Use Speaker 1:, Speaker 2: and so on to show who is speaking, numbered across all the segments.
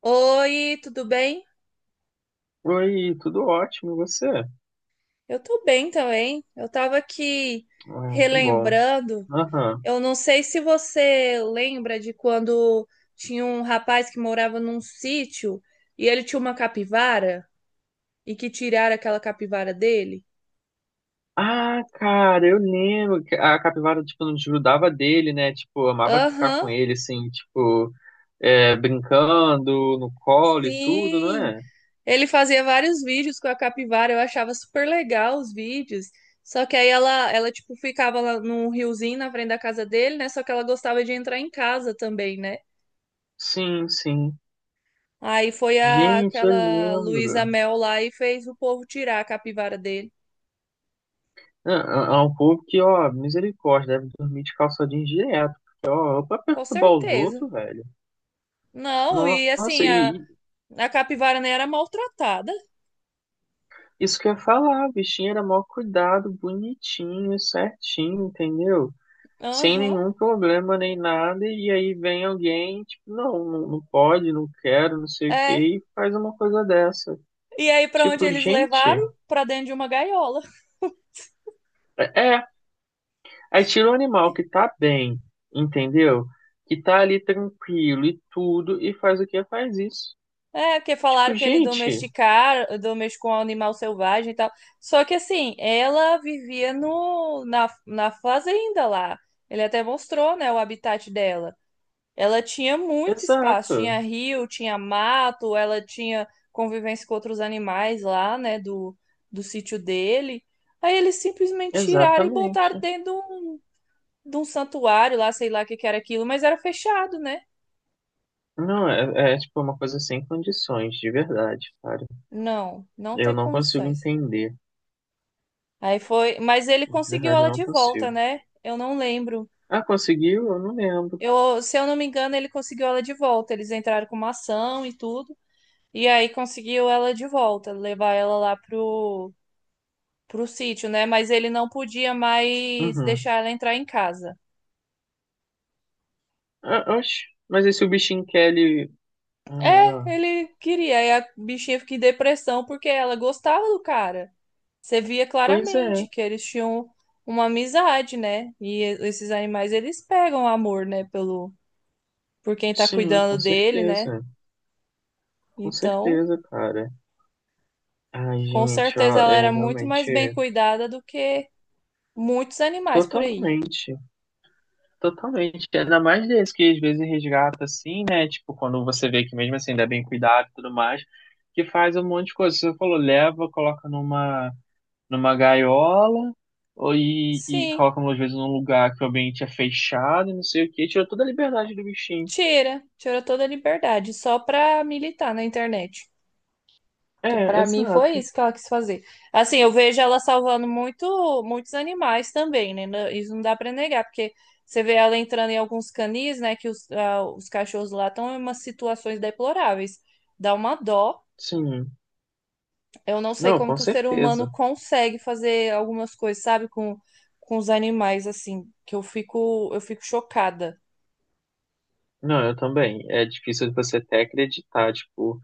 Speaker 1: Oi, tudo bem?
Speaker 2: Oi, tudo ótimo, e você?
Speaker 1: Eu tô bem também. Eu tava aqui
Speaker 2: Ah, que bom.
Speaker 1: relembrando.
Speaker 2: Aham.
Speaker 1: Eu não sei se você lembra de quando tinha um rapaz que morava num sítio e ele tinha uma capivara e que tiraram aquela capivara dele.
Speaker 2: Ah, cara, eu lembro que a capivara, tipo, não desgrudava dele, né? Tipo, amava ficar com
Speaker 1: Aham,
Speaker 2: ele, assim, tipo, é, brincando no colo e tudo, não
Speaker 1: sim.
Speaker 2: é?
Speaker 1: Ele fazia vários vídeos com a capivara. Eu achava super legal os vídeos. Só que aí ela tipo, ficava lá num riozinho na frente da casa dele, né? Só que ela gostava de entrar em casa também, né?
Speaker 2: Sim, sim.
Speaker 1: Aí foi a,
Speaker 2: Gente, eu
Speaker 1: aquela Luísa
Speaker 2: lembro.
Speaker 1: Mel lá e fez o povo tirar a capivara dele.
Speaker 2: É, é um povo que, ó, misericórdia, deve dormir de calça jeans direto. Porque, ó, pra
Speaker 1: Com
Speaker 2: perturbar os
Speaker 1: certeza.
Speaker 2: outros, velho.
Speaker 1: Não, e
Speaker 2: Nossa,
Speaker 1: assim, a,
Speaker 2: e,
Speaker 1: a capivara nem era maltratada.
Speaker 2: Isso que eu ia falar, o bichinho era mó cuidado, bonitinho, certinho, entendeu? Sem
Speaker 1: Aham.
Speaker 2: nenhum problema nem nada, e aí vem alguém, tipo, não, não, não pode, não quero, não sei o
Speaker 1: É.
Speaker 2: que e faz uma coisa dessa.
Speaker 1: E aí, pra onde
Speaker 2: Tipo,
Speaker 1: eles levaram?
Speaker 2: gente,
Speaker 1: Pra dentro de uma gaiola.
Speaker 2: é, aí tira o animal que tá bem, entendeu? Que tá ali tranquilo e tudo, e faz o que faz isso.
Speaker 1: É, porque
Speaker 2: Tipo,
Speaker 1: falaram que ele
Speaker 2: gente,
Speaker 1: domesticou um animal selvagem e tal. Só que assim, ela vivia no, na, na fazenda lá. Ele até mostrou, né, o habitat dela. Ela tinha muito espaço,
Speaker 2: exato,
Speaker 1: tinha rio, tinha mato, ela tinha convivência com outros animais lá, né, do sítio dele. Aí eles simplesmente tiraram e botaram
Speaker 2: exatamente.
Speaker 1: dentro de um santuário lá, sei lá o que que era aquilo, mas era fechado, né?
Speaker 2: Não, é, tipo uma coisa sem condições, de verdade, cara.
Speaker 1: Não, não tem
Speaker 2: Eu não consigo
Speaker 1: condições.
Speaker 2: entender.
Speaker 1: Aí foi, mas ele
Speaker 2: De
Speaker 1: conseguiu
Speaker 2: verdade, eu
Speaker 1: ela
Speaker 2: não
Speaker 1: de volta,
Speaker 2: consigo.
Speaker 1: né? Eu não lembro.
Speaker 2: Ah, conseguiu? Eu não lembro.
Speaker 1: Se eu não me engano, ele conseguiu ela de volta. Eles entraram com uma ação e tudo. E aí conseguiu ela de volta, levar ela lá pro sítio, né? Mas ele não podia mais
Speaker 2: Uhum.
Speaker 1: deixar ela entrar em casa.
Speaker 2: Ah, oxe, mas esse o bichinho Kelly. Ai,
Speaker 1: É,
Speaker 2: ó.
Speaker 1: ele queria. Aí a bichinha fica em depressão porque ela gostava do cara. Você via
Speaker 2: Pois é.
Speaker 1: claramente que eles tinham uma amizade, né? E esses animais eles pegam amor, né, pelo por quem tá
Speaker 2: Sim, com
Speaker 1: cuidando dele, né?
Speaker 2: certeza. Com
Speaker 1: Então,
Speaker 2: certeza, cara. Ai,
Speaker 1: com
Speaker 2: gente,
Speaker 1: certeza
Speaker 2: ó,
Speaker 1: ela
Speaker 2: é
Speaker 1: era muito mais
Speaker 2: realmente
Speaker 1: bem cuidada do que muitos animais por aí.
Speaker 2: totalmente, totalmente. Ainda mais desse que às vezes resgata assim, né? Tipo, quando você vê que mesmo assim ainda é bem cuidado e tudo mais, que faz um monte de coisa. Você falou, leva, coloca numa gaiola ou, e
Speaker 1: Sim,
Speaker 2: colocam às vezes num lugar que o ambiente é fechado, e não sei o que, tira toda a liberdade do bichinho.
Speaker 1: tira toda a liberdade só pra militar na internet. Que
Speaker 2: É,
Speaker 1: pra mim foi
Speaker 2: exato.
Speaker 1: isso que ela quis fazer. Assim, eu vejo ela salvando muitos animais também, né? Isso não dá pra negar, porque você vê ela entrando em alguns canis, né? Que os cachorros lá estão em umas situações deploráveis. Dá uma dó.
Speaker 2: Sim.
Speaker 1: Eu não sei
Speaker 2: Não,
Speaker 1: como
Speaker 2: com
Speaker 1: que o ser humano
Speaker 2: certeza.
Speaker 1: consegue fazer algumas coisas, sabe? Com os animais, assim, que eu fico chocada.
Speaker 2: Não, eu também. É difícil você até acreditar, tipo,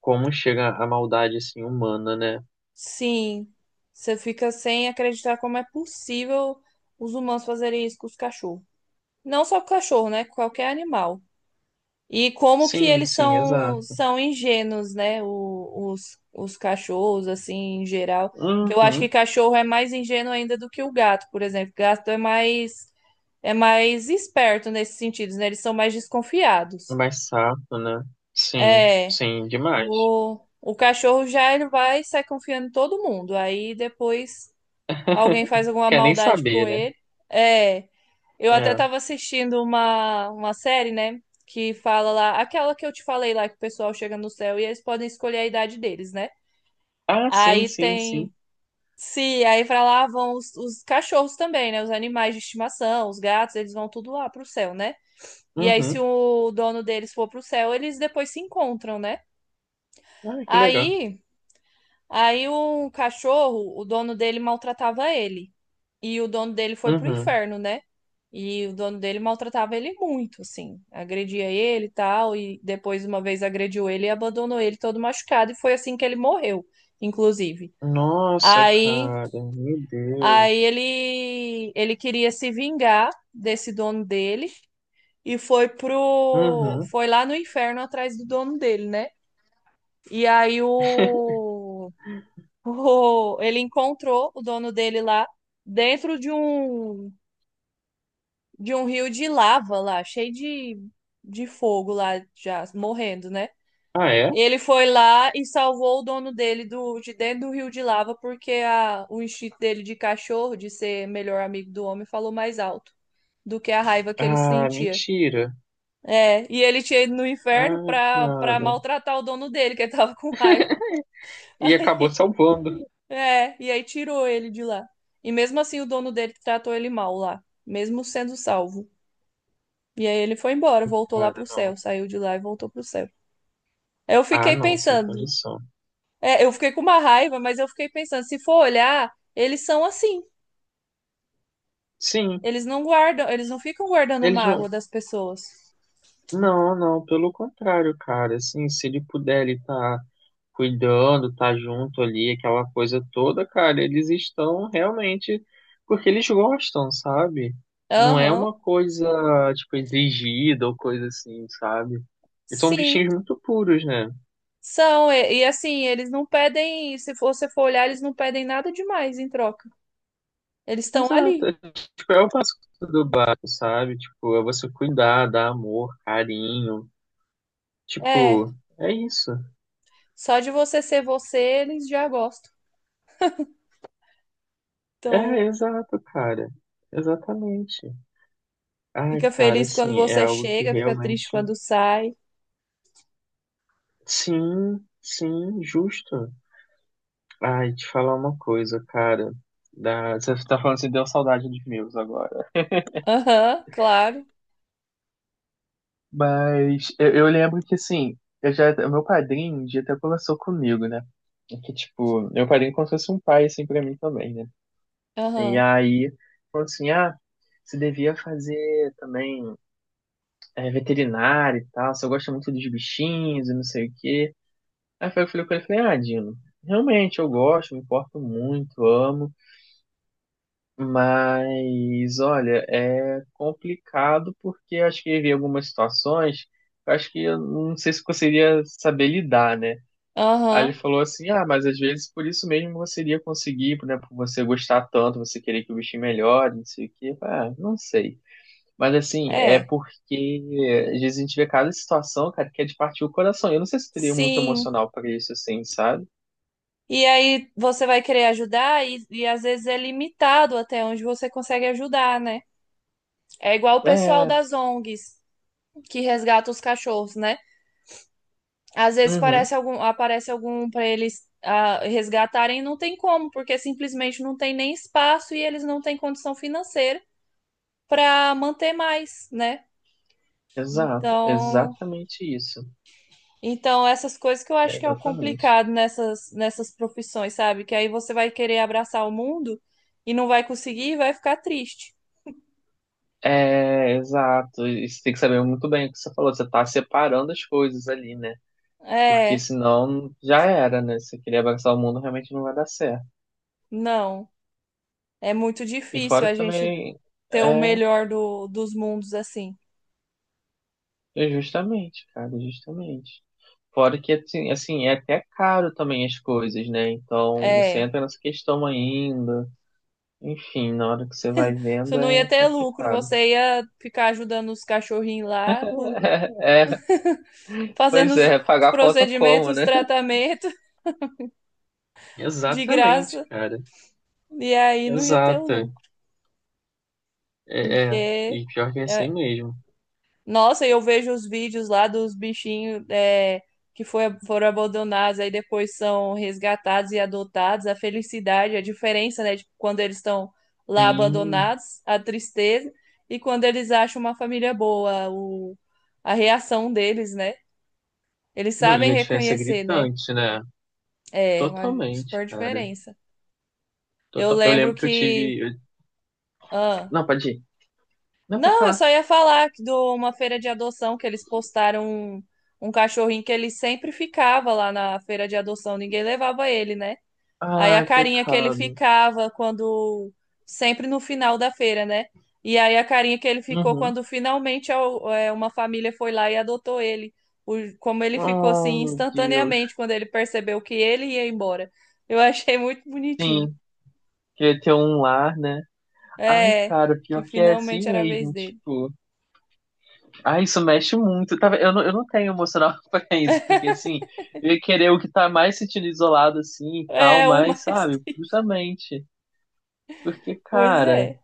Speaker 2: como chega a maldade assim humana, né?
Speaker 1: Sim, você fica sem acreditar como é possível os humanos fazerem isso com os cachorros. Não só cachorro, né? Qualquer animal. E como que
Speaker 2: Sim,
Speaker 1: eles
Speaker 2: sim,
Speaker 1: são
Speaker 2: exato.
Speaker 1: são ingênuos, né? Os cachorros, assim, em geral. Porque eu acho que
Speaker 2: Uhum.
Speaker 1: cachorro é mais ingênuo ainda do que o gato, por exemplo. Gato é mais esperto nesse sentido, né? Eles são mais desconfiados.
Speaker 2: Mais sapo, né? Sim,
Speaker 1: É,
Speaker 2: sim, demais.
Speaker 1: o cachorro já ele vai e sai confiando em todo mundo. Aí depois alguém faz alguma
Speaker 2: Quer nem
Speaker 1: maldade
Speaker 2: saber,
Speaker 1: com
Speaker 2: né?
Speaker 1: ele. É. Eu até
Speaker 2: É.
Speaker 1: tava assistindo uma série, né? Que fala lá, aquela que eu te falei lá, que o pessoal chega no céu e eles podem escolher a idade deles, né?
Speaker 2: Ah, sim,
Speaker 1: Aí
Speaker 2: sim,
Speaker 1: tem.
Speaker 2: sim.
Speaker 1: Se aí pra lá vão os cachorros também, né? Os animais de estimação, os gatos, eles vão tudo lá pro céu, né? E aí, se
Speaker 2: Uhum.
Speaker 1: o dono deles for pro céu, eles depois se encontram, né?
Speaker 2: Ah, que legal.
Speaker 1: Aí. Aí um cachorro, o dono dele maltratava ele. E o dono dele foi pro
Speaker 2: Uhum.
Speaker 1: inferno, né? E o dono dele maltratava ele muito, assim. Agredia ele e tal. E depois, uma vez, agrediu ele e abandonou ele todo machucado. E foi assim que ele morreu, inclusive.
Speaker 2: Nossa,
Speaker 1: Aí,
Speaker 2: cara, meu Deus.
Speaker 1: aí ele queria se vingar desse dono dele. E foi
Speaker 2: Uhum.
Speaker 1: foi lá no inferno atrás do dono dele, né? E aí o Ele encontrou o dono dele lá dentro de um rio de lava lá, cheio de fogo lá, já morrendo, né?
Speaker 2: Ah, é?
Speaker 1: Ele foi lá e salvou o dono dele de dentro do rio de lava, porque o instinto dele de cachorro, de ser melhor amigo do homem, falou mais alto do que a raiva que ele
Speaker 2: Ah,
Speaker 1: sentia.
Speaker 2: mentira.
Speaker 1: É, e ele tinha ido no inferno
Speaker 2: Ai,
Speaker 1: pra
Speaker 2: cara.
Speaker 1: maltratar o dono dele, que ele tava com raiva.
Speaker 2: E acabou
Speaker 1: Aí
Speaker 2: salvando.
Speaker 1: É, e aí tirou ele de lá. E mesmo assim o dono dele tratou ele mal lá, mesmo sendo salvo. E aí ele foi embora, voltou lá
Speaker 2: Cara,
Speaker 1: pro céu,
Speaker 2: não.
Speaker 1: saiu de lá e voltou pro céu. Eu
Speaker 2: Ah,
Speaker 1: fiquei
Speaker 2: não, sem
Speaker 1: pensando,
Speaker 2: condição.
Speaker 1: eu fiquei com uma raiva, mas eu fiquei pensando, se for olhar, eles são assim.
Speaker 2: Sim,
Speaker 1: Eles não guardam, eles não ficam guardando
Speaker 2: eles
Speaker 1: mágoa
Speaker 2: não.
Speaker 1: das pessoas.
Speaker 2: Não, não, pelo contrário, cara. Assim, se ele puder, ele tá cuidando, tá junto ali, aquela coisa toda, cara, eles estão realmente porque eles gostam, sabe? Não é uma
Speaker 1: Aham.
Speaker 2: coisa, tipo, exigida ou coisa assim, sabe? Eles são
Speaker 1: Sim,
Speaker 2: bichinhos muito puros, né?
Speaker 1: são. E assim, eles não pedem, se for você for olhar, eles não pedem nada demais em troca. Eles estão
Speaker 2: Exato.
Speaker 1: ali.
Speaker 2: Tipo, é o básico do básico, sabe? Tipo, é você cuidar, dar amor, carinho.
Speaker 1: É,
Speaker 2: Tipo, é isso.
Speaker 1: só de você ser você, eles já gostam.
Speaker 2: É,
Speaker 1: Então,
Speaker 2: exato, cara. Exatamente. Ai,
Speaker 1: fica
Speaker 2: cara,
Speaker 1: feliz quando
Speaker 2: assim, é
Speaker 1: você
Speaker 2: algo que
Speaker 1: chega, fica triste
Speaker 2: realmente.
Speaker 1: quando sai.
Speaker 2: Sim, sim, justo. Ai, te falar uma coisa, cara. Você tá falando assim, deu saudade dos meus agora.
Speaker 1: Aham, claro.
Speaker 2: Mas eu lembro que, assim, meu padrinho um dia até conversou comigo, né? Que, tipo, meu padrinho é como se fosse um pai, assim, pra mim também, né? E
Speaker 1: Aham,
Speaker 2: aí, falou assim, ah, você devia fazer também veterinário e tal, você gosta muito dos bichinhos e não sei o quê. Aí foi que eu falei com ele, falei, ah, Dino, realmente eu gosto, me importo muito, amo. Mas, olha, é complicado porque eu acho que havia algumas situações que eu acho que eu não sei se conseguiria saber lidar, né? Aí ele
Speaker 1: aham.
Speaker 2: falou assim: ah, mas às vezes por isso mesmo você iria conseguir, né? Por você gostar tanto, você querer que o bichinho melhore, não sei o quê. Eu falei, ah, não sei. Mas assim, é
Speaker 1: É,
Speaker 2: porque às vezes a gente vê cada situação, cara, que é de partir o coração. Eu não sei se teria muito
Speaker 1: sim.
Speaker 2: emocional pra isso, assim, sabe?
Speaker 1: E aí você vai querer ajudar e às vezes é limitado até onde você consegue ajudar, né? É igual o pessoal
Speaker 2: É,
Speaker 1: das ONGs que resgata os cachorros, né? Às vezes
Speaker 2: uhum,
Speaker 1: aparece algum para eles resgatarem, e não tem como, porque simplesmente não tem nem espaço e eles não têm condição financeira para manter mais, né?
Speaker 2: exato,
Speaker 1: Então,
Speaker 2: exatamente isso.
Speaker 1: Então, essas coisas que eu
Speaker 2: É,
Speaker 1: acho que é o
Speaker 2: exatamente.
Speaker 1: complicado nessas profissões, sabe? Que aí você vai querer abraçar o mundo e não vai conseguir e vai ficar triste.
Speaker 2: É, exato. E você tem que saber muito bem o que você falou. Você tá separando as coisas ali, né? Porque
Speaker 1: É,
Speaker 2: senão já era, né? Se você queria abraçar o mundo, realmente não vai dar certo.
Speaker 1: não. É muito
Speaker 2: E
Speaker 1: difícil
Speaker 2: fora
Speaker 1: a
Speaker 2: que
Speaker 1: gente
Speaker 2: também
Speaker 1: ter o
Speaker 2: é,
Speaker 1: melhor dos mundos assim.
Speaker 2: é justamente, cara, justamente. Fora que assim, assim, é até caro também as coisas, né? Então você
Speaker 1: É.
Speaker 2: entra nessa questão ainda. Enfim, na hora que você vai
Speaker 1: Você
Speaker 2: vendo
Speaker 1: não ia
Speaker 2: é
Speaker 1: ter lucro,
Speaker 2: complicado.
Speaker 1: você ia ficar ajudando os cachorrinhos lá,
Speaker 2: É,
Speaker 1: fazendo
Speaker 2: pois
Speaker 1: os,
Speaker 2: é,
Speaker 1: os
Speaker 2: pagar a conta como,
Speaker 1: procedimentos, os
Speaker 2: né?
Speaker 1: tratamentos de
Speaker 2: Exatamente,
Speaker 1: graça,
Speaker 2: cara.
Speaker 1: e aí não ia ter o
Speaker 2: Exato.
Speaker 1: lucro,
Speaker 2: É,
Speaker 1: porque.
Speaker 2: e pior que é assim
Speaker 1: é,
Speaker 2: mesmo.
Speaker 1: Nossa, e eu vejo os vídeos lá dos bichinhos que foram abandonados, aí depois são resgatados e adotados. A felicidade, a diferença, né, de quando eles estão lá
Speaker 2: Tem.
Speaker 1: abandonados, a tristeza, e quando eles acham uma família boa, a reação deles, né? Eles
Speaker 2: Não, e
Speaker 1: sabem
Speaker 2: a diferença é
Speaker 1: reconhecer, né?
Speaker 2: gritante, né?
Speaker 1: É uma
Speaker 2: Totalmente,
Speaker 1: super
Speaker 2: cara.
Speaker 1: diferença. Eu
Speaker 2: Eu
Speaker 1: lembro
Speaker 2: lembro que eu
Speaker 1: que.
Speaker 2: tive.
Speaker 1: Ah,
Speaker 2: Não, pode ir. Não, pode
Speaker 1: Não, eu
Speaker 2: falar.
Speaker 1: só ia falar que de uma feira de adoção que eles postaram um cachorrinho que ele sempre ficava lá na feira de adoção, ninguém levava ele, né? Aí a
Speaker 2: Ai,
Speaker 1: carinha que ele
Speaker 2: pecado.
Speaker 1: ficava quando sempre no final da feira, né? E aí a carinha que ele ficou
Speaker 2: Uhum.
Speaker 1: quando finalmente uma família foi lá e adotou ele. Como ele ficou
Speaker 2: Oh,
Speaker 1: assim
Speaker 2: meu
Speaker 1: instantaneamente
Speaker 2: Deus.
Speaker 1: quando ele percebeu que ele ia embora. Eu achei muito bonitinho.
Speaker 2: Sim, queria ter um lar, né? Ai,
Speaker 1: É,
Speaker 2: cara,
Speaker 1: que
Speaker 2: pior que é
Speaker 1: finalmente
Speaker 2: assim
Speaker 1: era a vez
Speaker 2: mesmo,
Speaker 1: dele.
Speaker 2: tipo. Ai, isso mexe muito. Tá, eu não tenho emocional pra isso, porque assim, eu ia querer o que tá mais sentindo isolado assim e tal,
Speaker 1: É, o
Speaker 2: mas,
Speaker 1: mais.
Speaker 2: sabe, justamente. Porque,
Speaker 1: Pois
Speaker 2: cara.
Speaker 1: é.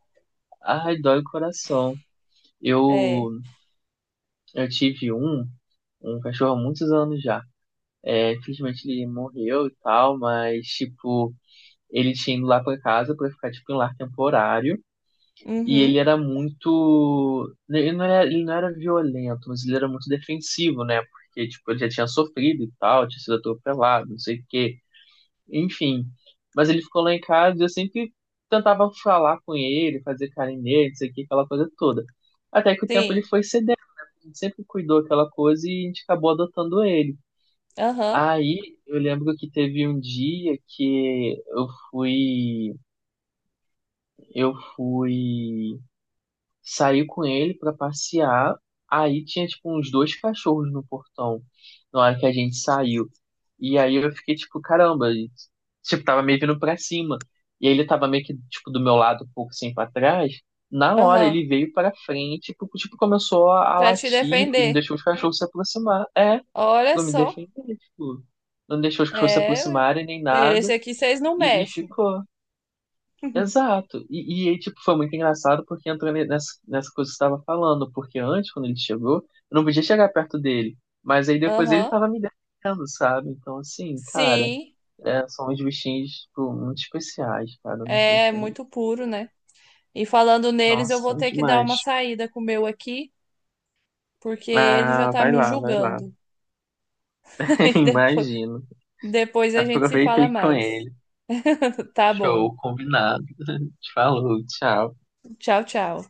Speaker 2: Ai, dói o coração. Eu,
Speaker 1: É.
Speaker 2: eu tive um cachorro há muitos anos já. É, infelizmente ele morreu e tal, mas, tipo, ele tinha ido lá pra casa pra ficar, tipo, em lar temporário. E ele
Speaker 1: Uhum.
Speaker 2: era muito, né? Ele não era violento, mas ele era muito defensivo, né? Porque, tipo, ele já tinha sofrido e tal, tinha sido atropelado, não sei o quê. Enfim. Mas ele ficou lá em casa e eu sempre tentava falar com ele, fazer carinho nele, isso aqui, aquela coisa toda. Até que o tempo ele
Speaker 1: Sim.
Speaker 2: foi cedendo, né? A gente sempre cuidou aquela coisa e a gente acabou adotando ele.
Speaker 1: Aham.
Speaker 2: Aí eu lembro que teve um dia que eu fui, saiu com ele pra passear. Aí tinha, tipo, uns dois cachorros no portão na hora que a gente saiu. E aí eu fiquei, tipo, caramba, e, tipo, tava meio vindo pra cima. E ele tava meio que, tipo, do meu lado, um pouco assim pra trás. Na hora
Speaker 1: Aham.
Speaker 2: ele veio pra frente, tipo começou a
Speaker 1: Pra te
Speaker 2: latir, porque não
Speaker 1: defender.
Speaker 2: deixou os cachorros se aproximar. É,
Speaker 1: Olha
Speaker 2: pra me
Speaker 1: só.
Speaker 2: defender, tipo, não deixou os cachorros se
Speaker 1: É. Ué.
Speaker 2: aproximarem nem
Speaker 1: Esse
Speaker 2: nada.
Speaker 1: aqui vocês não
Speaker 2: E
Speaker 1: mexem.
Speaker 2: ficou. Exato. E aí, tipo, foi muito engraçado porque entrou nessa coisa que você estava falando, porque antes, quando ele chegou, eu não podia chegar perto dele. Mas aí depois ele
Speaker 1: Aham.
Speaker 2: tava me defendendo, sabe? Então, assim, cara,
Speaker 1: Sim.
Speaker 2: é, são uns bichinhos, tipo, muito especiais, cara. Não, não
Speaker 1: É
Speaker 2: tem...
Speaker 1: muito puro, né? E falando neles,
Speaker 2: Nossa,
Speaker 1: eu vou
Speaker 2: são
Speaker 1: ter que dar uma
Speaker 2: demais.
Speaker 1: saída com o meu aqui, porque ele já
Speaker 2: Ah,
Speaker 1: tá
Speaker 2: vai
Speaker 1: me
Speaker 2: lá, vai lá.
Speaker 1: julgando. E depois,
Speaker 2: Imagino.
Speaker 1: depois a gente se
Speaker 2: Aproveita
Speaker 1: fala
Speaker 2: aí com
Speaker 1: mais.
Speaker 2: ele.
Speaker 1: Tá bom.
Speaker 2: Show, combinado. Falou, tchau.
Speaker 1: Tchau, tchau.